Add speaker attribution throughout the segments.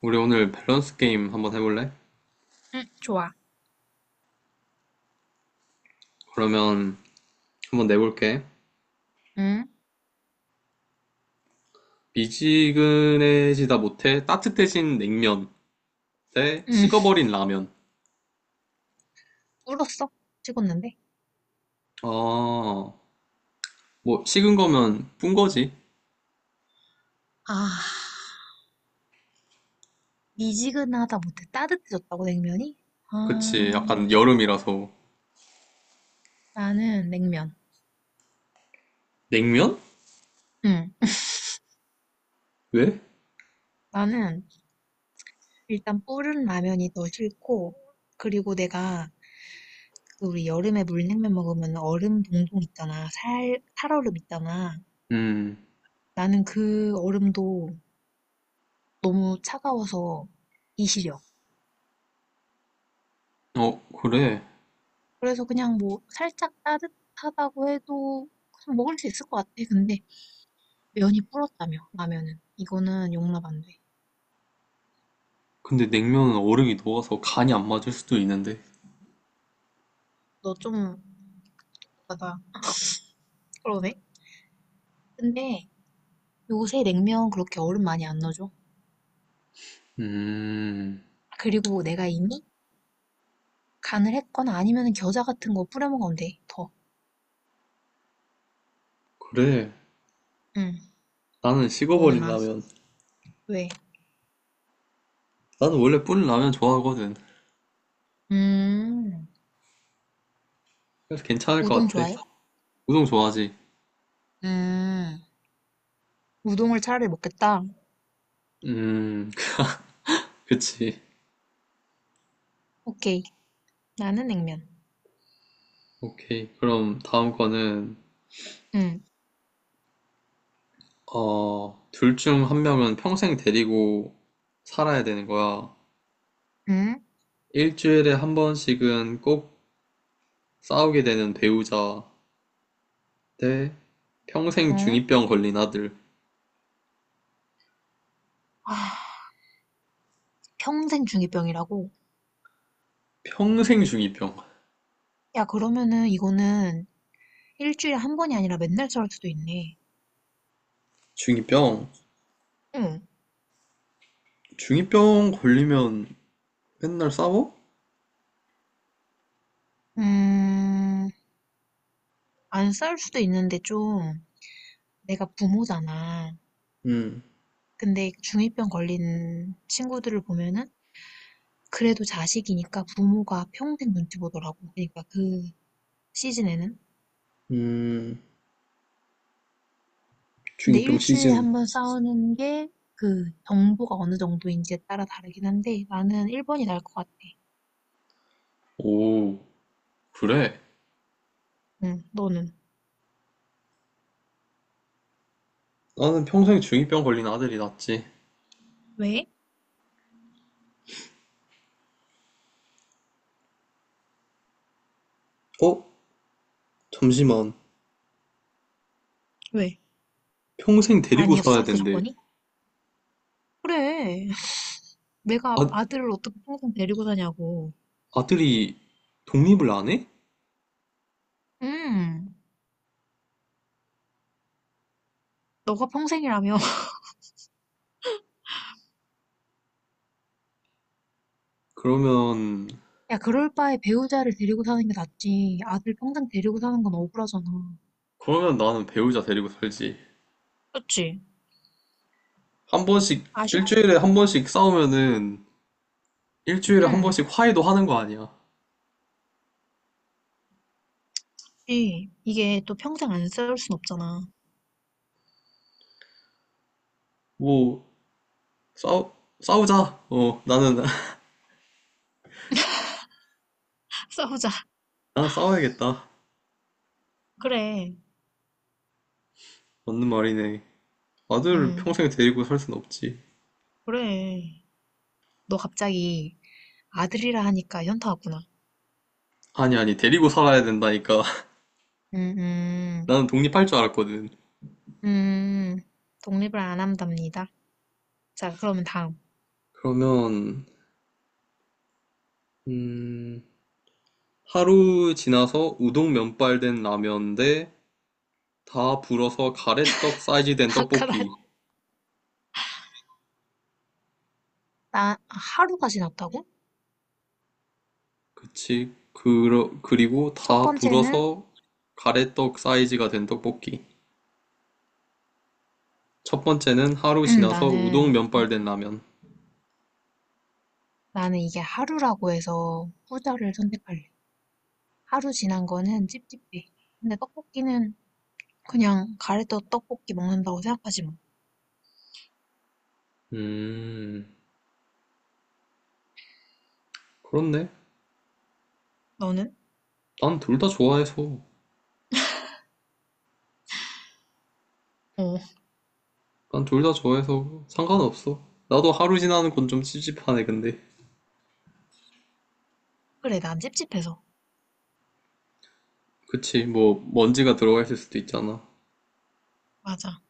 Speaker 1: 우리 오늘 밸런스 게임 한번 해볼래?
Speaker 2: 응, 좋아.
Speaker 1: 그러면 한번 내볼게.
Speaker 2: 응,
Speaker 1: 미지근해지다 못해 따뜻해진 냉면 대
Speaker 2: 응.
Speaker 1: 식어버린 라면.
Speaker 2: 울었어. 찍었는데.
Speaker 1: 아, 뭐 식은 거면 뿐 거지.
Speaker 2: 아, 미지근하다 못해 따뜻해졌다고 냉면이?
Speaker 1: 그치,
Speaker 2: 아,
Speaker 1: 약간 여름이라서.
Speaker 2: 나는 냉면.
Speaker 1: 냉면?
Speaker 2: 응.
Speaker 1: 왜?
Speaker 2: 나는 일단 불은 라면이 더 싫고, 그리고 내가 그 우리 여름에 물냉면 먹으면 얼음 동동 있잖아. 살얼음 있잖아.
Speaker 1: 음,
Speaker 2: 나는 그 얼음도 너무 차가워서 이시려.
Speaker 1: 어, 그래.
Speaker 2: 그래서 그냥 뭐 살짝 따뜻하다고 해도 그냥 먹을 수 있을 것 같아. 근데 면이 불었다며 라면은 이거는 용납 안 돼.
Speaker 1: 근데 냉면은 얼음이 녹아서 간이 안 맞을 수도 있는데.
Speaker 2: 너 좀 나다 그러네. 근데 요새 냉면 그렇게 얼음 많이 안 넣어줘.
Speaker 1: 음,
Speaker 2: 그리고 내가 이미 간을 했거나 아니면 겨자 같은 거 뿌려 먹으면 돼. 더.
Speaker 1: 그래.
Speaker 2: 응.
Speaker 1: 나는
Speaker 2: 너는
Speaker 1: 식어버린
Speaker 2: 라면
Speaker 1: 라면.
Speaker 2: 왜?
Speaker 1: 나는 원래 뿌린 라면 좋아하거든.
Speaker 2: 음.
Speaker 1: 그래서 괜찮을 것
Speaker 2: 우동
Speaker 1: 같아.
Speaker 2: 좋아해?
Speaker 1: 우동 좋아하지?
Speaker 2: 음. 우동을 차라리 먹겠다.
Speaker 1: 음, 그치.
Speaker 2: 오케이. 나는 냉면.
Speaker 1: 오케이. 그럼 다음 거는,
Speaker 2: 응.
Speaker 1: 어, 둘 중 한 명은 평생 데리고 살아야 되는 거야.
Speaker 2: 응?
Speaker 1: 일주일에 한 번씩은 꼭 싸우게 되는 배우자 대 평생
Speaker 2: 응?
Speaker 1: 중이병 걸린 아들.
Speaker 2: 아, 평생 중이병이라고?
Speaker 1: 평생 중이병.
Speaker 2: 야, 그러면은 이거는 일주일에 한 번이 아니라 맨날 저럴 수도 있네.
Speaker 1: 중이병?
Speaker 2: 응.
Speaker 1: 중이병 걸리면 맨날 싸워?
Speaker 2: 음, 안 싸울 수도 있는데 좀 내가 부모잖아.
Speaker 1: 음,
Speaker 2: 근데 중이병 걸린 친구들을 보면은 그래도 자식이니까 부모가 평생 눈치 보더라고. 그러니까 그 시즌에는.
Speaker 1: 음,
Speaker 2: 근데
Speaker 1: 중이병
Speaker 2: 일주일에
Speaker 1: 시즌.
Speaker 2: 한 번 싸우는 게 그 정도가 어느 정도인지에 따라 다르긴 한데 나는 1번이 나을 것 같아.
Speaker 1: 오, 그래?
Speaker 2: 응, 너는?
Speaker 1: 나는 평생 중이병 걸린 아들이 낫지.
Speaker 2: 왜?
Speaker 1: 어? 잠시만.
Speaker 2: 왜?
Speaker 1: 평생 데리고
Speaker 2: 아니었어?
Speaker 1: 살아야
Speaker 2: 그
Speaker 1: 된대.
Speaker 2: 조건이? 그래. 내가
Speaker 1: 아,
Speaker 2: 아들을 어떻게 평생 데리고 다냐고.
Speaker 1: 아들이 독립을 안 해?
Speaker 2: 음, 너가 평생이라며.
Speaker 1: 그러면,
Speaker 2: 야, 그럴 바에 배우자를 데리고 사는 게 낫지. 아들 평생 데리고 사는 건 억울하잖아.
Speaker 1: 그러면 나는 배우자 데리고 살지.
Speaker 2: 그렇지?
Speaker 1: 한 번씩,
Speaker 2: 아쉽지.
Speaker 1: 일주일에 한 번씩 싸우면은, 일주일에 한
Speaker 2: 응.
Speaker 1: 번씩 화해도 하는 거 아니야.
Speaker 2: 이게 또 평생 안 싸울 순 없잖아.
Speaker 1: 뭐, 싸우, 싸우자. 어, 나는,
Speaker 2: 싸우자.
Speaker 1: 나는 싸워야겠다.
Speaker 2: 그래.
Speaker 1: 맞는 말이네. 아들을
Speaker 2: 응.
Speaker 1: 평생 데리고 살 순 없지.
Speaker 2: 그래. 너 갑자기 아들이라 하니까 현타 왔구나.
Speaker 1: 아니, 데리고 살아야 된다니까.
Speaker 2: 음, 음,
Speaker 1: 나는 독립할 줄 알았거든.
Speaker 2: 음. 독립을 안 한답니다. 자, 그러면 다음.
Speaker 1: 그러면, 음, 하루 지나서 우동 면발 된 라면 대 다 불어서 가래떡 사이즈 된
Speaker 2: 아까 나,
Speaker 1: 떡볶이.
Speaker 2: 나 하루가 지났다고?
Speaker 1: 그치. 그리고
Speaker 2: 첫
Speaker 1: 다
Speaker 2: 번째는
Speaker 1: 불어서 가래떡 사이즈가 된 떡볶이. 첫 번째는 하루 지나서 우동
Speaker 2: 나는
Speaker 1: 면발
Speaker 2: 이-
Speaker 1: 된 라면.
Speaker 2: 나는 이게 하루라고 해서 후자를 선택할래. 하루 지난 거는 찝찝해. 근데 떡볶이는 그냥 가래떡 떡볶이 먹는다고 생각하지 뭐.
Speaker 1: 음, 그렇네.
Speaker 2: 너는?
Speaker 1: 난 둘 다 좋아해서.
Speaker 2: 어.
Speaker 1: 난 둘 다 좋아해서 상관없어. 나도 하루 지나는 건 좀 찝찝하네, 근데.
Speaker 2: 그래, 난 찝찝해서.
Speaker 1: 그치, 뭐, 먼지가 들어가 있을 수도 있잖아.
Speaker 2: 맞아.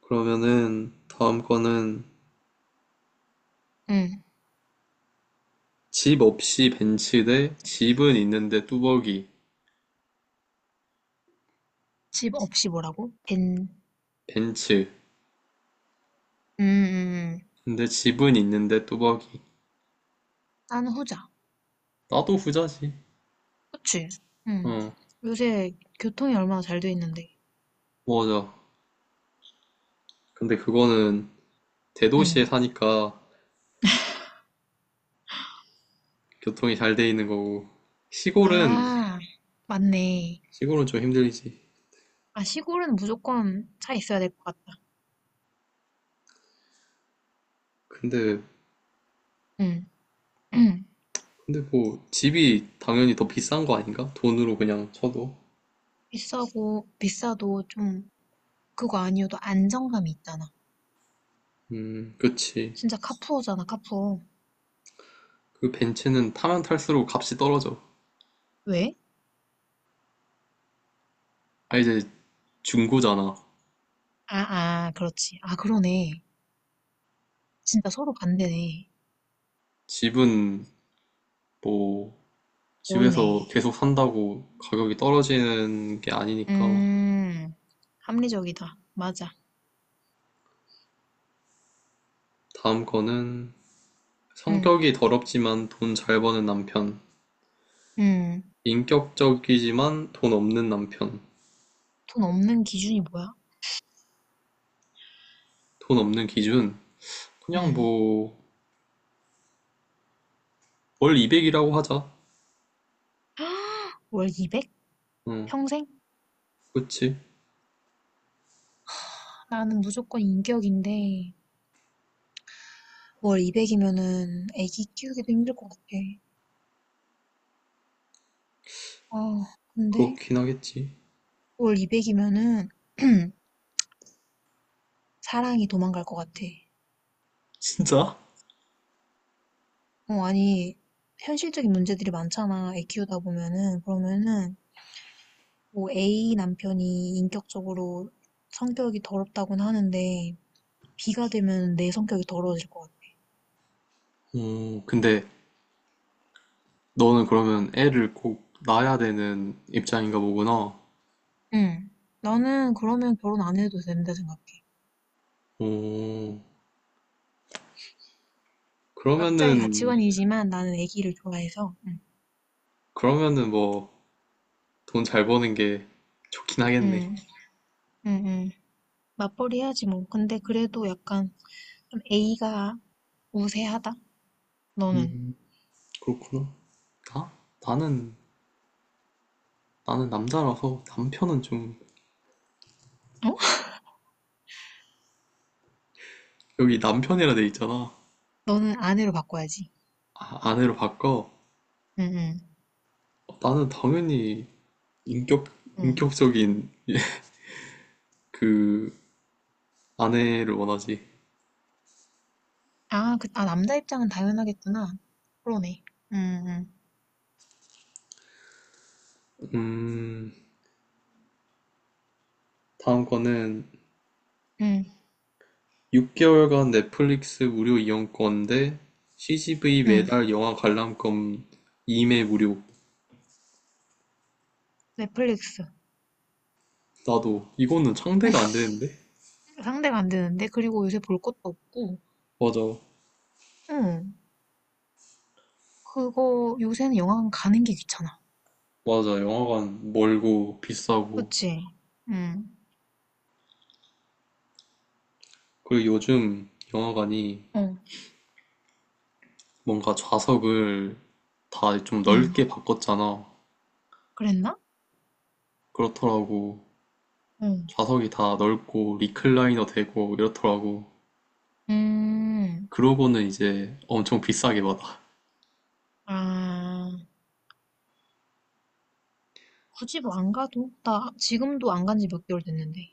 Speaker 1: 그러면은, 다음 거는,
Speaker 2: 응.
Speaker 1: 집 없이 벤츠 대 집은 있는데 뚜벅이.
Speaker 2: 집 없이 뭐라고? 된.
Speaker 1: 벤츠.
Speaker 2: 음, 음, 음.
Speaker 1: 근데 집은 있는데 뚜벅이.
Speaker 2: 나는 후자.
Speaker 1: 나도 후자지.
Speaker 2: 그치? 응.
Speaker 1: 어,
Speaker 2: 요새 교통이 얼마나 잘 돼 있는데.
Speaker 1: 맞아. 근데 그거는
Speaker 2: 응.
Speaker 1: 대도시에 사니까 교통이 잘 돼 있는 거고. 시골은,
Speaker 2: 아, 맞네.
Speaker 1: 시골은 좀 힘들지.
Speaker 2: 아, 시골은 무조건 차 있어야 될 것 같다.
Speaker 1: 근데,
Speaker 2: 응. 응.
Speaker 1: 근데 뭐, 집이 당연히 더 비싼 거 아닌가? 돈으로 그냥 쳐도.
Speaker 2: 비싸고, 비싸도 좀, 그거 아니어도 안정감이 있잖아.
Speaker 1: 그치.
Speaker 2: 진짜 카푸어잖아, 카푸어.
Speaker 1: 그 벤츠는 타면 탈수록 값이 떨어져.
Speaker 2: 왜?
Speaker 1: 아, 이제 중고잖아.
Speaker 2: 아, 아, 그렇지. 아, 그러네. 진짜 서로 반대네.
Speaker 1: 집은 뭐,
Speaker 2: 모르네.
Speaker 1: 집에서 계속 산다고 가격이 떨어지는 게 아니니까.
Speaker 2: 음, 합리적이다. 맞아.
Speaker 1: 다음 거는,
Speaker 2: 응,
Speaker 1: 성격이 더럽지만 돈 잘 버는 남편.
Speaker 2: 응.
Speaker 1: 인격적이지만 돈 없는 남편.
Speaker 2: 돈 없는 기준이 뭐야?
Speaker 1: 돈 없는 기준? 그냥
Speaker 2: 응.
Speaker 1: 뭐, 월 200만 원이라고 하자.
Speaker 2: 월 200?
Speaker 1: 응,
Speaker 2: 평생?
Speaker 1: 그치.
Speaker 2: 나는 무조건 인격인데, 월 200이면은 애기 키우기도 힘들 것 같아. 아, 근데
Speaker 1: 그렇긴 하겠지.
Speaker 2: 월 200이면은 사랑이 도망갈 것 같아.
Speaker 1: 진짜?
Speaker 2: 어, 아니, 현실적인 문제들이 많잖아. 애 키우다 보면은. 그러면은, 뭐 A 남편이 인격적으로 성격이 더럽다고는 하는데 B가 되면 내 성격이 더러워질 것 같아.
Speaker 1: 어, 근데 너는 그러면 애를 꼭 낳아야 되는 입장인가 보구나.
Speaker 2: 응. 나는 그러면 결혼 안 해도 된다 생각해.
Speaker 1: 어,
Speaker 2: 각자의
Speaker 1: 그러면은,
Speaker 2: 가치관이지만 나는 애기를 좋아해서. 응.
Speaker 1: 그러면은 뭐, 돈 잘 버는 게 좋긴
Speaker 2: 응.
Speaker 1: 하겠네.
Speaker 2: 응. 응. 맞벌이 해야지 뭐. 근데 그래도 약간 좀 A가 우세하다. 너는?
Speaker 1: 그렇구나. 나? 나는, 나는 남자라서 남편은 좀
Speaker 2: 어?
Speaker 1: 여기 남편이라 돼 있잖아.
Speaker 2: 너는 아내로 바꿔야지.
Speaker 1: 아, 아내로 바꿔.
Speaker 2: 응. 응.
Speaker 1: 어, 나는 당연히 인격,
Speaker 2: 응.
Speaker 1: 인격적인 그 아내를 원하지.
Speaker 2: 아, 그, 아 남자 입장은 당연하겠구나. 그러네. 응. 응.
Speaker 1: 음, 다음 거는
Speaker 2: 응.
Speaker 1: 6개월간 넷플릭스 무료 이용권 대 CGV
Speaker 2: 응.
Speaker 1: 매달 영화 관람권 2매 무료.
Speaker 2: 넷플릭스.
Speaker 1: 나도 이거는 상대가 안 되는데?
Speaker 2: 상대가 안 되는데 그리고 요새 볼 것도 없고
Speaker 1: 맞아.
Speaker 2: 응 그거 요새는 영화관 가는 게 귀찮아
Speaker 1: 맞아. 영화관 멀고 비싸고.
Speaker 2: 그치
Speaker 1: 그리고 요즘 영화관이
Speaker 2: 응어응
Speaker 1: 뭔가 좌석을 다 좀 넓게 바꿨잖아.
Speaker 2: 그랬나
Speaker 1: 그렇더라고. 좌석이 다 넓고 리클라이너 되고 이렇더라고.
Speaker 2: 응음아
Speaker 1: 그러고는 이제 엄청 비싸게 받아.
Speaker 2: 굳이 뭐 안 가도 나 지금도 안 간지 몇 개월 됐는데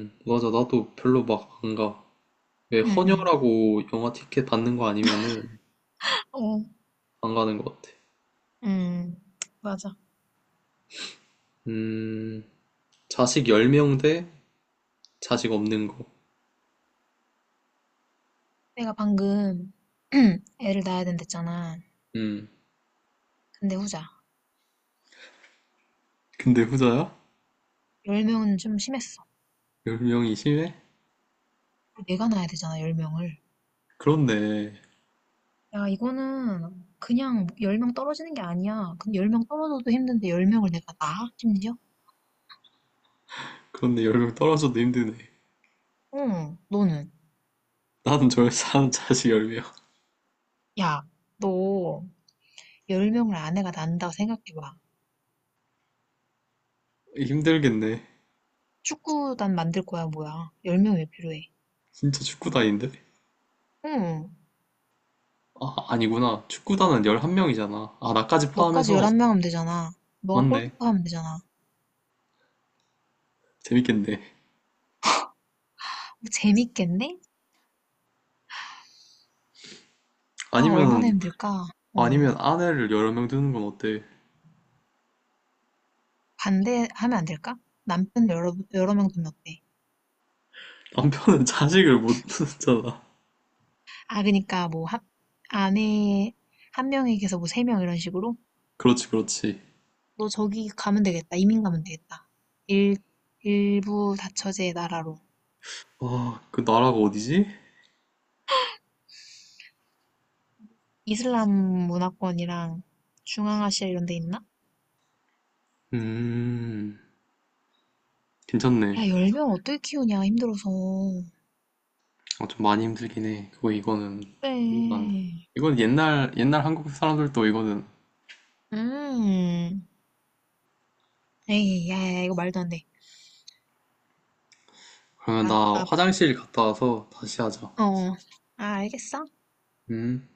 Speaker 1: 맞아. 나도 별로 막 안 가. 왜
Speaker 2: 응응
Speaker 1: 헌혈하고 영화 티켓 받는 거 아니면은
Speaker 2: 어
Speaker 1: 안 가는 것 같아.
Speaker 2: 음, 맞아.
Speaker 1: 음, 자식 10명 대 자식 없는 거.
Speaker 2: 내가 방금 애를 낳아야 된댔잖아.
Speaker 1: 음,
Speaker 2: 근데 후자.
Speaker 1: 근데 후자야?
Speaker 2: 10명은 좀 심했어.
Speaker 1: 10명이 심해?
Speaker 2: 내가 낳아야 되잖아, 10명을
Speaker 1: 그렇네.
Speaker 2: 야, 이거는 그냥 10명 떨어지는 게 아니야. 근데 10명 떨어져도 힘든데 10명을 내가 나? 심지어?
Speaker 1: 그런데 10명 떨어져도 힘드네.
Speaker 2: 응, 너는.
Speaker 1: 나는 절사한 자식 10명.
Speaker 2: 야, 너 10명을 아내가 난다고 생각해봐.
Speaker 1: 힘들겠네.
Speaker 2: 축구단 만들 거야, 뭐야. 10명 왜 필요해?
Speaker 1: 진짜 축구단인데?
Speaker 2: 응,
Speaker 1: 아, 아니구나. 축구단은 11명이잖아. 아, 나까지
Speaker 2: 너까지
Speaker 1: 포함해서.
Speaker 2: 11명 하면 되잖아. 너가
Speaker 1: 맞네.
Speaker 2: 골키퍼 하면 되잖아. 어,
Speaker 1: 재밌겠네.
Speaker 2: 재밌겠네? 아, 얼마나
Speaker 1: 아니면,
Speaker 2: 힘들까? 응,
Speaker 1: 아니면 아내를 여러 명 두는 건 어때?
Speaker 2: 반대하면 안 될까? 남편 여러 명 두면 어때?
Speaker 1: 남편은 자식을 못 두잖아.
Speaker 2: 아, 그니까 뭐, 합, 아내 한 명에게서 뭐 세 명 이런 식으로?
Speaker 1: 그렇지, 그렇지.
Speaker 2: 너 저기 가면 되겠다. 이민 가면 되겠다. 일, 일부 다처제 나라로.
Speaker 1: 아, 그 나라가 어디지?
Speaker 2: 이슬람 문화권이랑 중앙아시아 이런 데 있나?
Speaker 1: 음, 괜찮네.
Speaker 2: 야, 10명 어떻게 키우냐, 힘들어서.
Speaker 1: 아, 좀 많이 힘들긴 해. 그거 이거는, 이건 안 돼.
Speaker 2: 그래.
Speaker 1: 이건 옛날 한국 사람들도 이거는.
Speaker 2: 음. 에이, 야, 야, 이거 말도 안 돼.
Speaker 1: 그러면
Speaker 2: 야,
Speaker 1: 나
Speaker 2: 나,
Speaker 1: 화장실 갔다 와서 다시 하자.
Speaker 2: 어. 아, 알겠어.
Speaker 1: 음.